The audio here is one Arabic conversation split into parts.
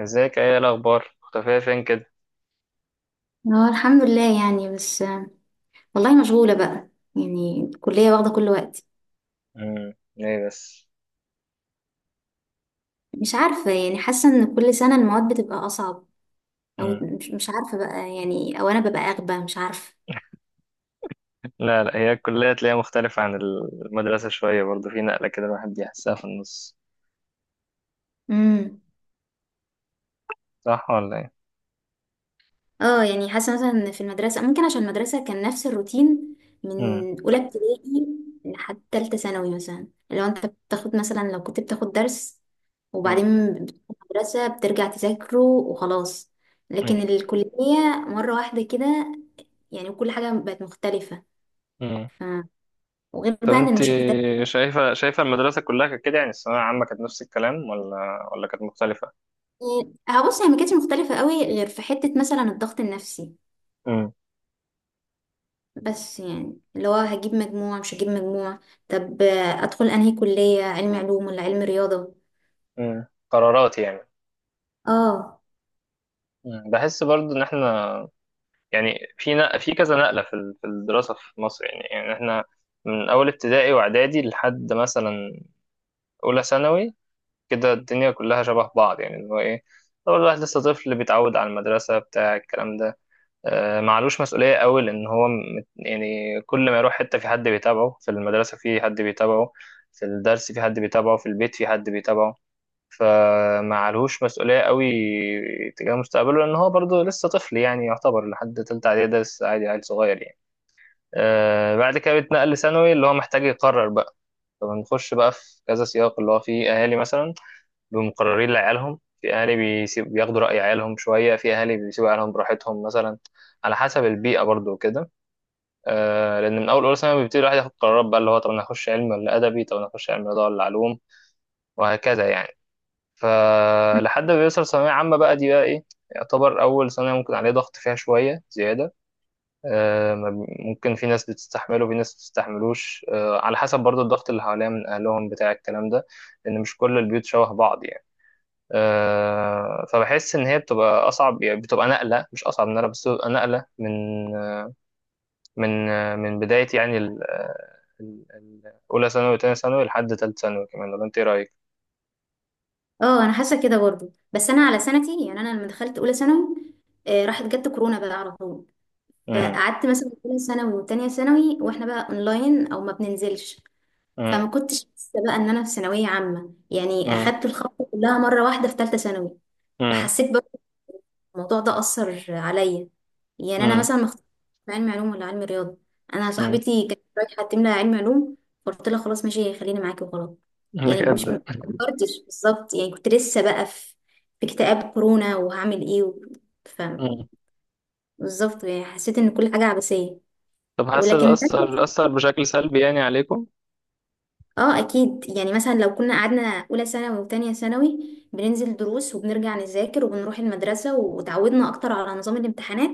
ازيك، ايه الاخبار، مختفيه فين كده؟ اه، الحمد لله يعني. بس آه، والله مشغولة بقى، يعني الكلية واخدة كل وقتي. ليه بس؟ مش عارفة يعني، حاسة ان كل سنة المواد بتبقى أصعب، أو امم مش عارفة بقى يعني، أو أنا ببقى أغبى، مش عارفة. لا لا، هي الكليه تلاقيها مختلفه عن المدرسه شويه، برضه في نقله كده الواحد بيحسها في النص، امم صح ولا ايه؟ اه يعني حاسة مثلا إن في المدرسة ممكن، عشان المدرسة كان نفس الروتين امم. من أولى ابتدائي لحد تالتة ثانوي. مثلا لو أنت بتاخد، مثلا لو كنت بتاخد درس امم. وبعدين بتروح المدرسة بترجع تذاكره وخلاص. امم. لكن الكلية مرة واحدة كده يعني، وكل حاجة بقت مختلفة. امم. ف... وغير طب بقى ان انت المشتتات. شايفه المدرسه كلها كانت كده؟ يعني الثانويه العامه كانت نفس الكلام ولا كانت مختلفه؟ هبص، هي ما كانتش مختلفة قوي غير في حتة مثلا الضغط النفسي، امم. بس يعني اللي هو هجيب مجموع مش هجيب مجموع. طب ادخل انهي كلية، علم علوم ولا علم رياضة؟ امم، قرارات يعني. اه. بحس برضه ان احنا، يعني في كذا نقله، في الدراسه في مصر، يعني احنا من اول ابتدائي واعدادي لحد مثلا أولى ثانوي، كده الدنيا كلها شبه بعض، يعني اللي هو إيه، لو الواحد لسه طفل بيتعود على المدرسة بتاع الكلام ده، معلوش مسؤولية قوي، لأن هو يعني كل ما يروح حتة في حد بيتابعه، في المدرسة في حد بيتابعه، في الدرس في حد بيتابعه، في البيت في حد بيتابعه، فمعلهوش مسؤولية قوي تجاه مستقبله، لأن هو برضه لسه طفل يعني، يعتبر لحد تالتة إعدادي ده لسه عادي، عيل صغير يعني. بعد كده بيتنقل لثانوي، اللي هو محتاج يقرر بقى، فبنخش بقى في كذا سياق، اللي هو فيه أهالي مثلا بمقررين لعيالهم، في اهالي بيسيب بياخدوا رأي عيالهم شوية، في اهالي بيسيبوا عيالهم براحتهم مثلا، على حسب البيئة برضو وكده. آه، لان من اول اولى ثانوي بيبتدي الواحد ياخد قرارات بقى، اللي هو طب انا هخش علم ولا ادبي، طب انا هخش علم رياضة ولا علوم، وهكذا يعني. فلحد ما بيوصل ثانوية عامة بقى، دي بقى ايه، يعتبر اول سنة ممكن عليه ضغط فيها شوية زيادة. آه، ما بي- ممكن في ناس بتستحمله وفي ناس بتستحملوش، آه، على حسب برضو الضغط اللي حواليها من اهلهم بتاع الكلام ده، لان مش كل البيوت شبه بعض يعني. آه، فبحس ان هي بتبقى اصعب، يعني بتبقى نقله، مش اصعب من نقله، بس بتبقى نقله من من بدايه يعني اولى ثانوي وتانية ثانوي لحد تالت ثانوي كمان، ولا انت ايه رايك؟ اه، انا حاسة كده برضو. بس انا على سنتي، يعني انا لما دخلت اولى ثانوي راحت جت كورونا بقى على طول. امم. فقعدت مثلا اولى ثانوي وتانية ثانوي واحنا بقى اونلاين او ما بننزلش. فما امم. كنتش حاسه بقى ان انا في ثانويه عامه، يعني مم. اخدت الخطوه كلها مره واحده في ثالثه ثانوي. امم. فحسيت برضه الموضوع ده اثر عليا. يعني انا امم. مثلا ما اخترتش علم علوم ولا علم رياضه، انا امم. صاحبتي كانت رايحه تملى علم علوم فقلت لها خلاص ماشي، خليني معاكي وخلاص. أمم، يعني مش بجد؟ ما فكرتش بالظبط، يعني كنت لسه بقى في في اكتئاب كورونا، وهعمل ايه امم، فبالظبط يعني حسيت ان كل حاجه عبثيه. طب حاسه ده ولكن اثر تالتة، اثر بشكل سلبي يعني عليكم؟ اه اكيد يعني مثلا لو كنا قعدنا اولى ثانوي وتانية ثانوي بننزل دروس وبنرجع نذاكر وبنروح المدرسة وتعودنا اكتر على نظام الامتحانات،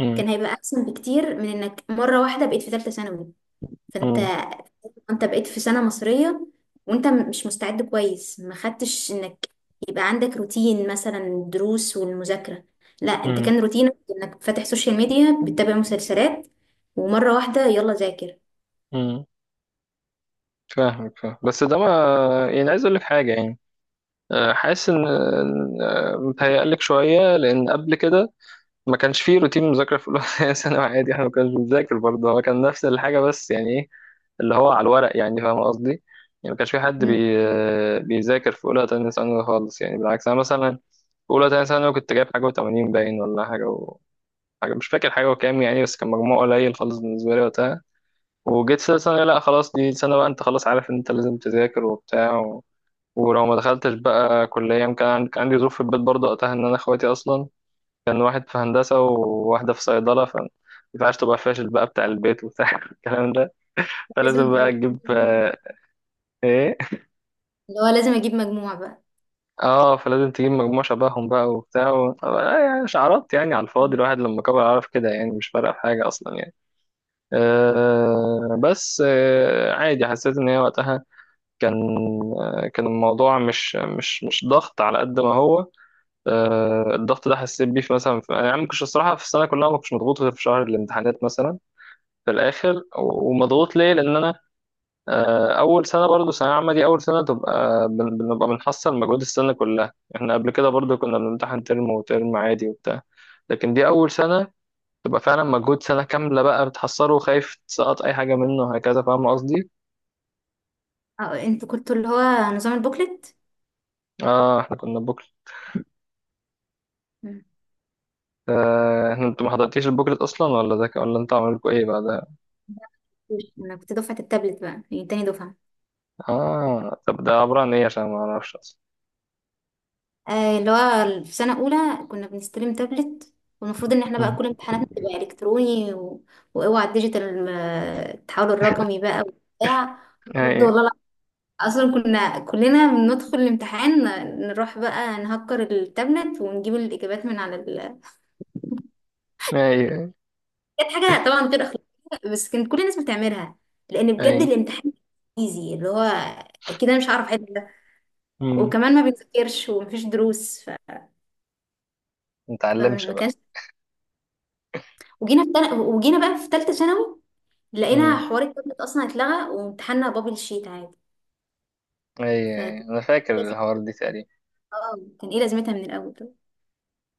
امم. كان هيبقى احسن بكتير من انك مرة واحدة بقيت في ثالثة ثانوي. فانت، امم. انت بقيت في سنة مصرية وانت مش مستعد كويس، ما خدتش انك يبقى عندك روتين مثلا الدروس والمذاكرة. لا، انت امم. كان روتينك انك فاتح سوشيال ميديا بتتابع مسلسلات، ومرة واحدة يلا ذاكر. أمم. فاهمك، فاهم، بس ده ما، يعني عايز اقول لك حاجه يعني، آه، حاسس ان، آه، متهيألك شويه، لان قبل كده ما كانش فيه روتين مذاكرة في أولى ثانوي عادي، احنا ما كناش بنذاكر برضه، هو كان نفس الحاجة، بس يعني ايه، اللي هو على الورق، يعني فاهم قصدي، يعني ما كانش في حد مم. بيذاكر في أولى تانية ثانوي خالص، يعني بالعكس أنا مثلا في أولى تانية ثانوي كنت جايب حاجة و80 باين، ولا حاجة و... حاجة، مش فاكر حاجة وكام يعني، بس كان مجموع قليل خالص بالنسبة لي وقتها. وجيت في ثانية، لا خلاص دي سنة بقى، أنت خلاص عارف إن أنت لازم تذاكر وبتاع و... ولو ما دخلتش بقى كلية، كان عندي ظروف في البيت برضه وقتها، إن أنا إخواتي أصلا كان واحد في هندسة وواحدة في صيدلة، فما ينفعش تبقى فاشل بقى، بتاع البيت وبتاع الكلام ده، لازم فلازم اه، بقى تجيب آه، ايه، اللي هو لازم اجيب مجموع بقى. اه فلازم تجيب مجموع شبههم بقى وبتاع و... آه، يعني شعارات يعني على الفاضي، الواحد لما كبر عرف كده، يعني مش فارقة في حاجة أصلا يعني. آه بس آه عادي، حسيت إن هي وقتها كان، آه، كان الموضوع مش ضغط على قد ما هو، آه الضغط ده حسيت بيه في مثلا يعني ما كنتش الصراحة في السنة كلها، ما كنتش مضغوط غير في شهر الامتحانات مثلا في الاخر، ومضغوط ليه، لان انا آه، اول سنه برضو ثانويه عامه، دي اول سنه تبقى بنبقى بنحصل مجهود السنه كلها، احنا قبل كده برضو كنا بنمتحن ترم وترم عادي وبتاع، لكن دي اول سنه تبقى فعلا مجهود سنه كامله بقى بتحصله، وخايف تسقط اي حاجه منه، وهكذا، فاهم قصدي؟ اه، انتوا كنتوا اللي هو نظام البوكلت. اه احنا كنا بوكلت. مم. آه، احنا، انتوا ما حضرتيش البوكلت اصلا؟ ولا ده ولا انتوا عملكوا ايه بقى ده؟ مفيش. انا كنت دفعة التابلت بقى، يعني تاني دفعة. اه، طب ده عباره عن ايه، عشان ما اعرفش اصلا؟ اللي هو في سنة أولى كنا بنستلم تابلت، والمفروض إن احنا بقى مم. كل امتحاناتنا تبقى إلكتروني وأوعى الديجيتال، التحول الرقمي بقى وبتاع. بجد ايوه. والله لا. أصلا كنا كلنا بندخل الامتحان نروح بقى نهكر التابلت ونجيب الإجابات من على. ايوه. كانت حاجة طبعا غير أخلاقية، بس كانت كل الناس بتعملها، لأن بجد ايوه. الامتحان ايزي، اللي هو أكيد أنا مش هعرف أحل ده ما وكمان ما بنذاكرش ومفيش دروس نتعلمش فما بقى. كانش، وجينا بقى في تالتة ثانوي مم. لقينا حوار التابلت أصلا اتلغى وامتحاننا بابل شيت عادي. اي ف اه اي، انا فاكر الحوار دي تقريبا. كان ايه لازمتها من الأول طب.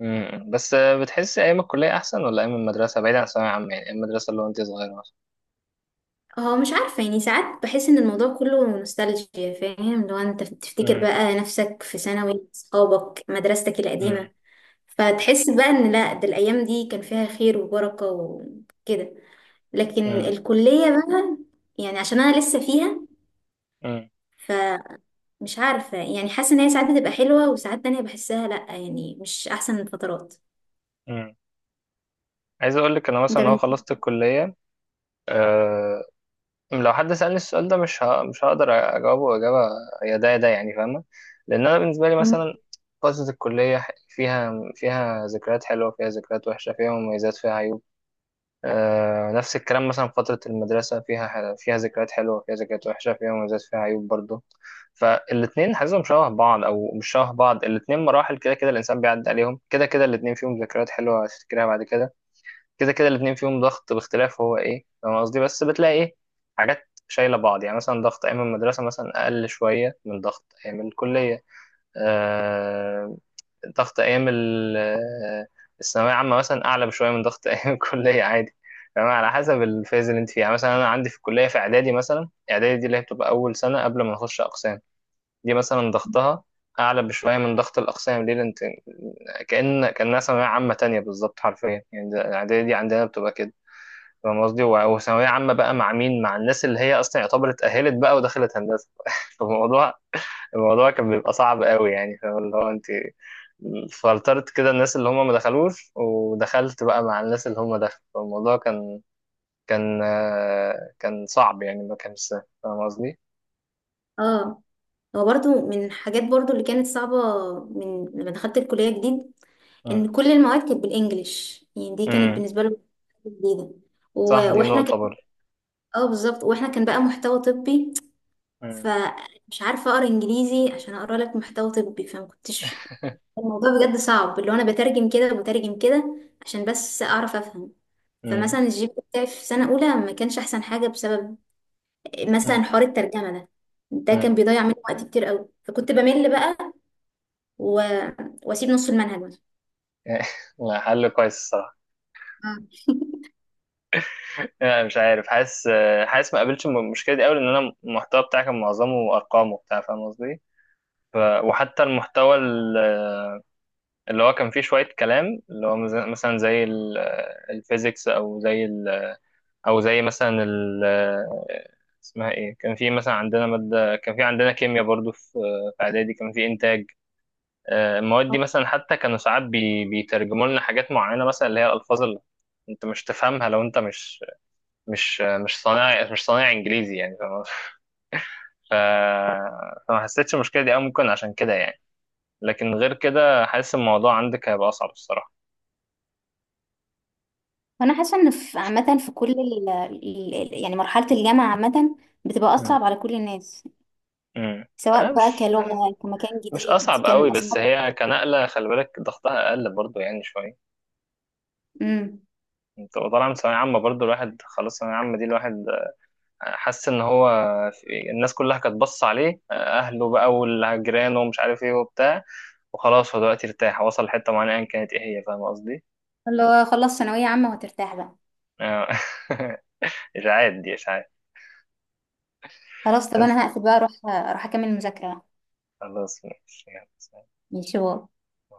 امم، بس آه، بتحس ايام الكليه احسن ولا ايام المدرسه، بعيد عن الثانويه عامه يعني، ايام المدرسه اللي هو انت صغيره مثلا؟ اه مش عارفة يعني، ساعات بحس إن الموضوع كله نوستالجيا، فاهم؟ لو أنت تفتكر امم. بقى نفسك في ثانوي صحابك مدرستك امم. القديمة، فتحس بقى ان لا، ده الايام دي كان فيها خير وبركة وكده. لكن امم. الكلية بقى، يعني عشان انا لسه فيها، امم. فمش عارفة يعني، حاسة ان هي ساعات بتبقى حلوة وساعات تانية بحسها لا، يعني مش احسن الفترات. امم عايز اقول لك، انا انت مثلا اهو بالنسبة. خلصت الكليه، أه، لو حد سالني السؤال ده مش هقدر اجاوبه اجابه يا ده يا ده يعني، فاهمه؟ لان انا بالنسبه لي مم. مثلا فتره الكليه فيها، فيها ذكريات حلوه، فيها ذكريات وحشه، فيها مميزات، فيها عيوب، آه نفس الكلام مثلا في فترة المدرسة، فيها ذكريات حلوة، فيها ذكريات وحشة، فيها مميزات، فيها عيوب برضه. فالاتنين حاسسهم شبه بعض أو مش شبه بعض، الاتنين مراحل كده كده الإنسان بيعدي عليهم، كده كده الاتنين فيهم ذكريات حلوة هتفتكرها بعد كده، كده كده الاتنين فيهم ضغط باختلاف هو إيه، فاهم قصدي، بس بتلاقي إيه، حاجات شايلة بعض، يعني مثلا ضغط أيام المدرسة مثلا أقل شوية من ضغط أيام الكلية، آه، ضغط ايام آه، الثانويه عامه مثلا اعلى بشويه من ضغط ايام الكليه عادي، يعني على حسب الفيز اللي انت فيها، يعني مثلا انا عندي في الكليه في اعدادي مثلا، اعدادي دي اللي هي بتبقى اول سنه قبل ما نخش اقسام، دي مثلا ضغطها اعلى بشويه من ضغط الاقسام، ليه؟ لأن انت كأنها ثانوية عامة تانية بالظبط حرفيا يعني، الإعدادية دي عندنا بتبقى كده، فاهم قصدي؟ وثانوية عامة بقى مع مين؟ مع الناس اللي هي أصلا يعتبر اتأهلت بقى ودخلت هندسة فالموضوع، الموضوع كان بيبقى صعب قوي يعني، فاهم؟ اللي هو أنت فلترت كده الناس اللي هم ما دخلوش، ودخلت بقى مع الناس اللي هم دخلوا، فالموضوع كان آه، كان صعب يعني، ما كانش سهل، فاهم قصدي؟ اه، هو برضو من الحاجات برضو اللي كانت صعبة من لما دخلت الكلية جديد، مم. ان كل المواد كانت بالانجلش. يعني دي كانت مم. بالنسبة له جديدة صح، دي واحنا نقطة كان، برضه. اه بالظبط، واحنا كان بقى محتوى طبي، مم. فمش عارفة أقرأ إنجليزي عشان أقرأ لك محتوى طبي. فما كنتش، الموضوع بجد صعب، اللي هو أنا بترجم كده وبترجم كده عشان بس أعرف أفهم. مم. فمثلا الجي بي بتاعي في سنة أولى ما كانش أحسن حاجة بسبب مم. مثلا حوار الترجمة ده، ده كان مم. بيضيع مني وقت كتير قوي، فكنت بمل بقى و... وأسيب نص المنهج مثلا. لا، حل كويس الصراحة. مم. لا، مش عارف، حاسس آه، حاسس ما قابلتش المشكلة دي أوي، لأن أنا المحتوى بتاعي كان معظمه أرقام وبتاع، فاهم قصدي؟ ف... وحتى المحتوى اللي هو كان فيه شوية كلام، اللي هو مثلا زي الفيزيكس، أو زي، او زي مثلا ال اسمها ايه، كان في مثلا عندنا ماده، كان في عندنا كيمياء برضو في، في اعدادي كان في انتاج، آه، المواد دي مثلا حتى كانوا ساعات بيترجموا لنا حاجات معينه، مثلا اللي هي الالفاظ اللي انت مش تفهمها لو انت مش صانع انجليزي يعني، فاهم قصدي؟ ف... فما حسيتش المشكله دي أوي ممكن عشان كده يعني، لكن غير كده حاسس الموضوع عندك هيبقى اصعب الصراحه. انا حاسه ان في عامه، في كل ال يعني مرحله الجامعه عامه بتبقى مم. اصعب على كل الناس، مم. سواء آه، بقى مش كلغه كمكان مش جديد اصعب قوي، كان بس اصحابك. هي كنقله خلي بالك ضغطها اقل برضو يعني شويه، تبقى طالعة من ثانوية عامة برضه، الواحد خلاص ثانوية عامة دي الواحد حس إن هو في الناس كلها كانت بص عليه، أهله بقى والجيران ومش عارف إيه وبتاع، وخلاص هو دلوقتي ارتاح، وصل لحتة معينة أيا كانت إيه هي، فاهم قصدي؟ اللي هو خلص ثانوية عامة وهترتاح بقى. آه. إشاعات، دي إشاعات. خلاص طب بس انا هقفل بقى، اروح اكمل مذاكرة بقى. خلاص ماشي، يلا، سلام. ماشي باي.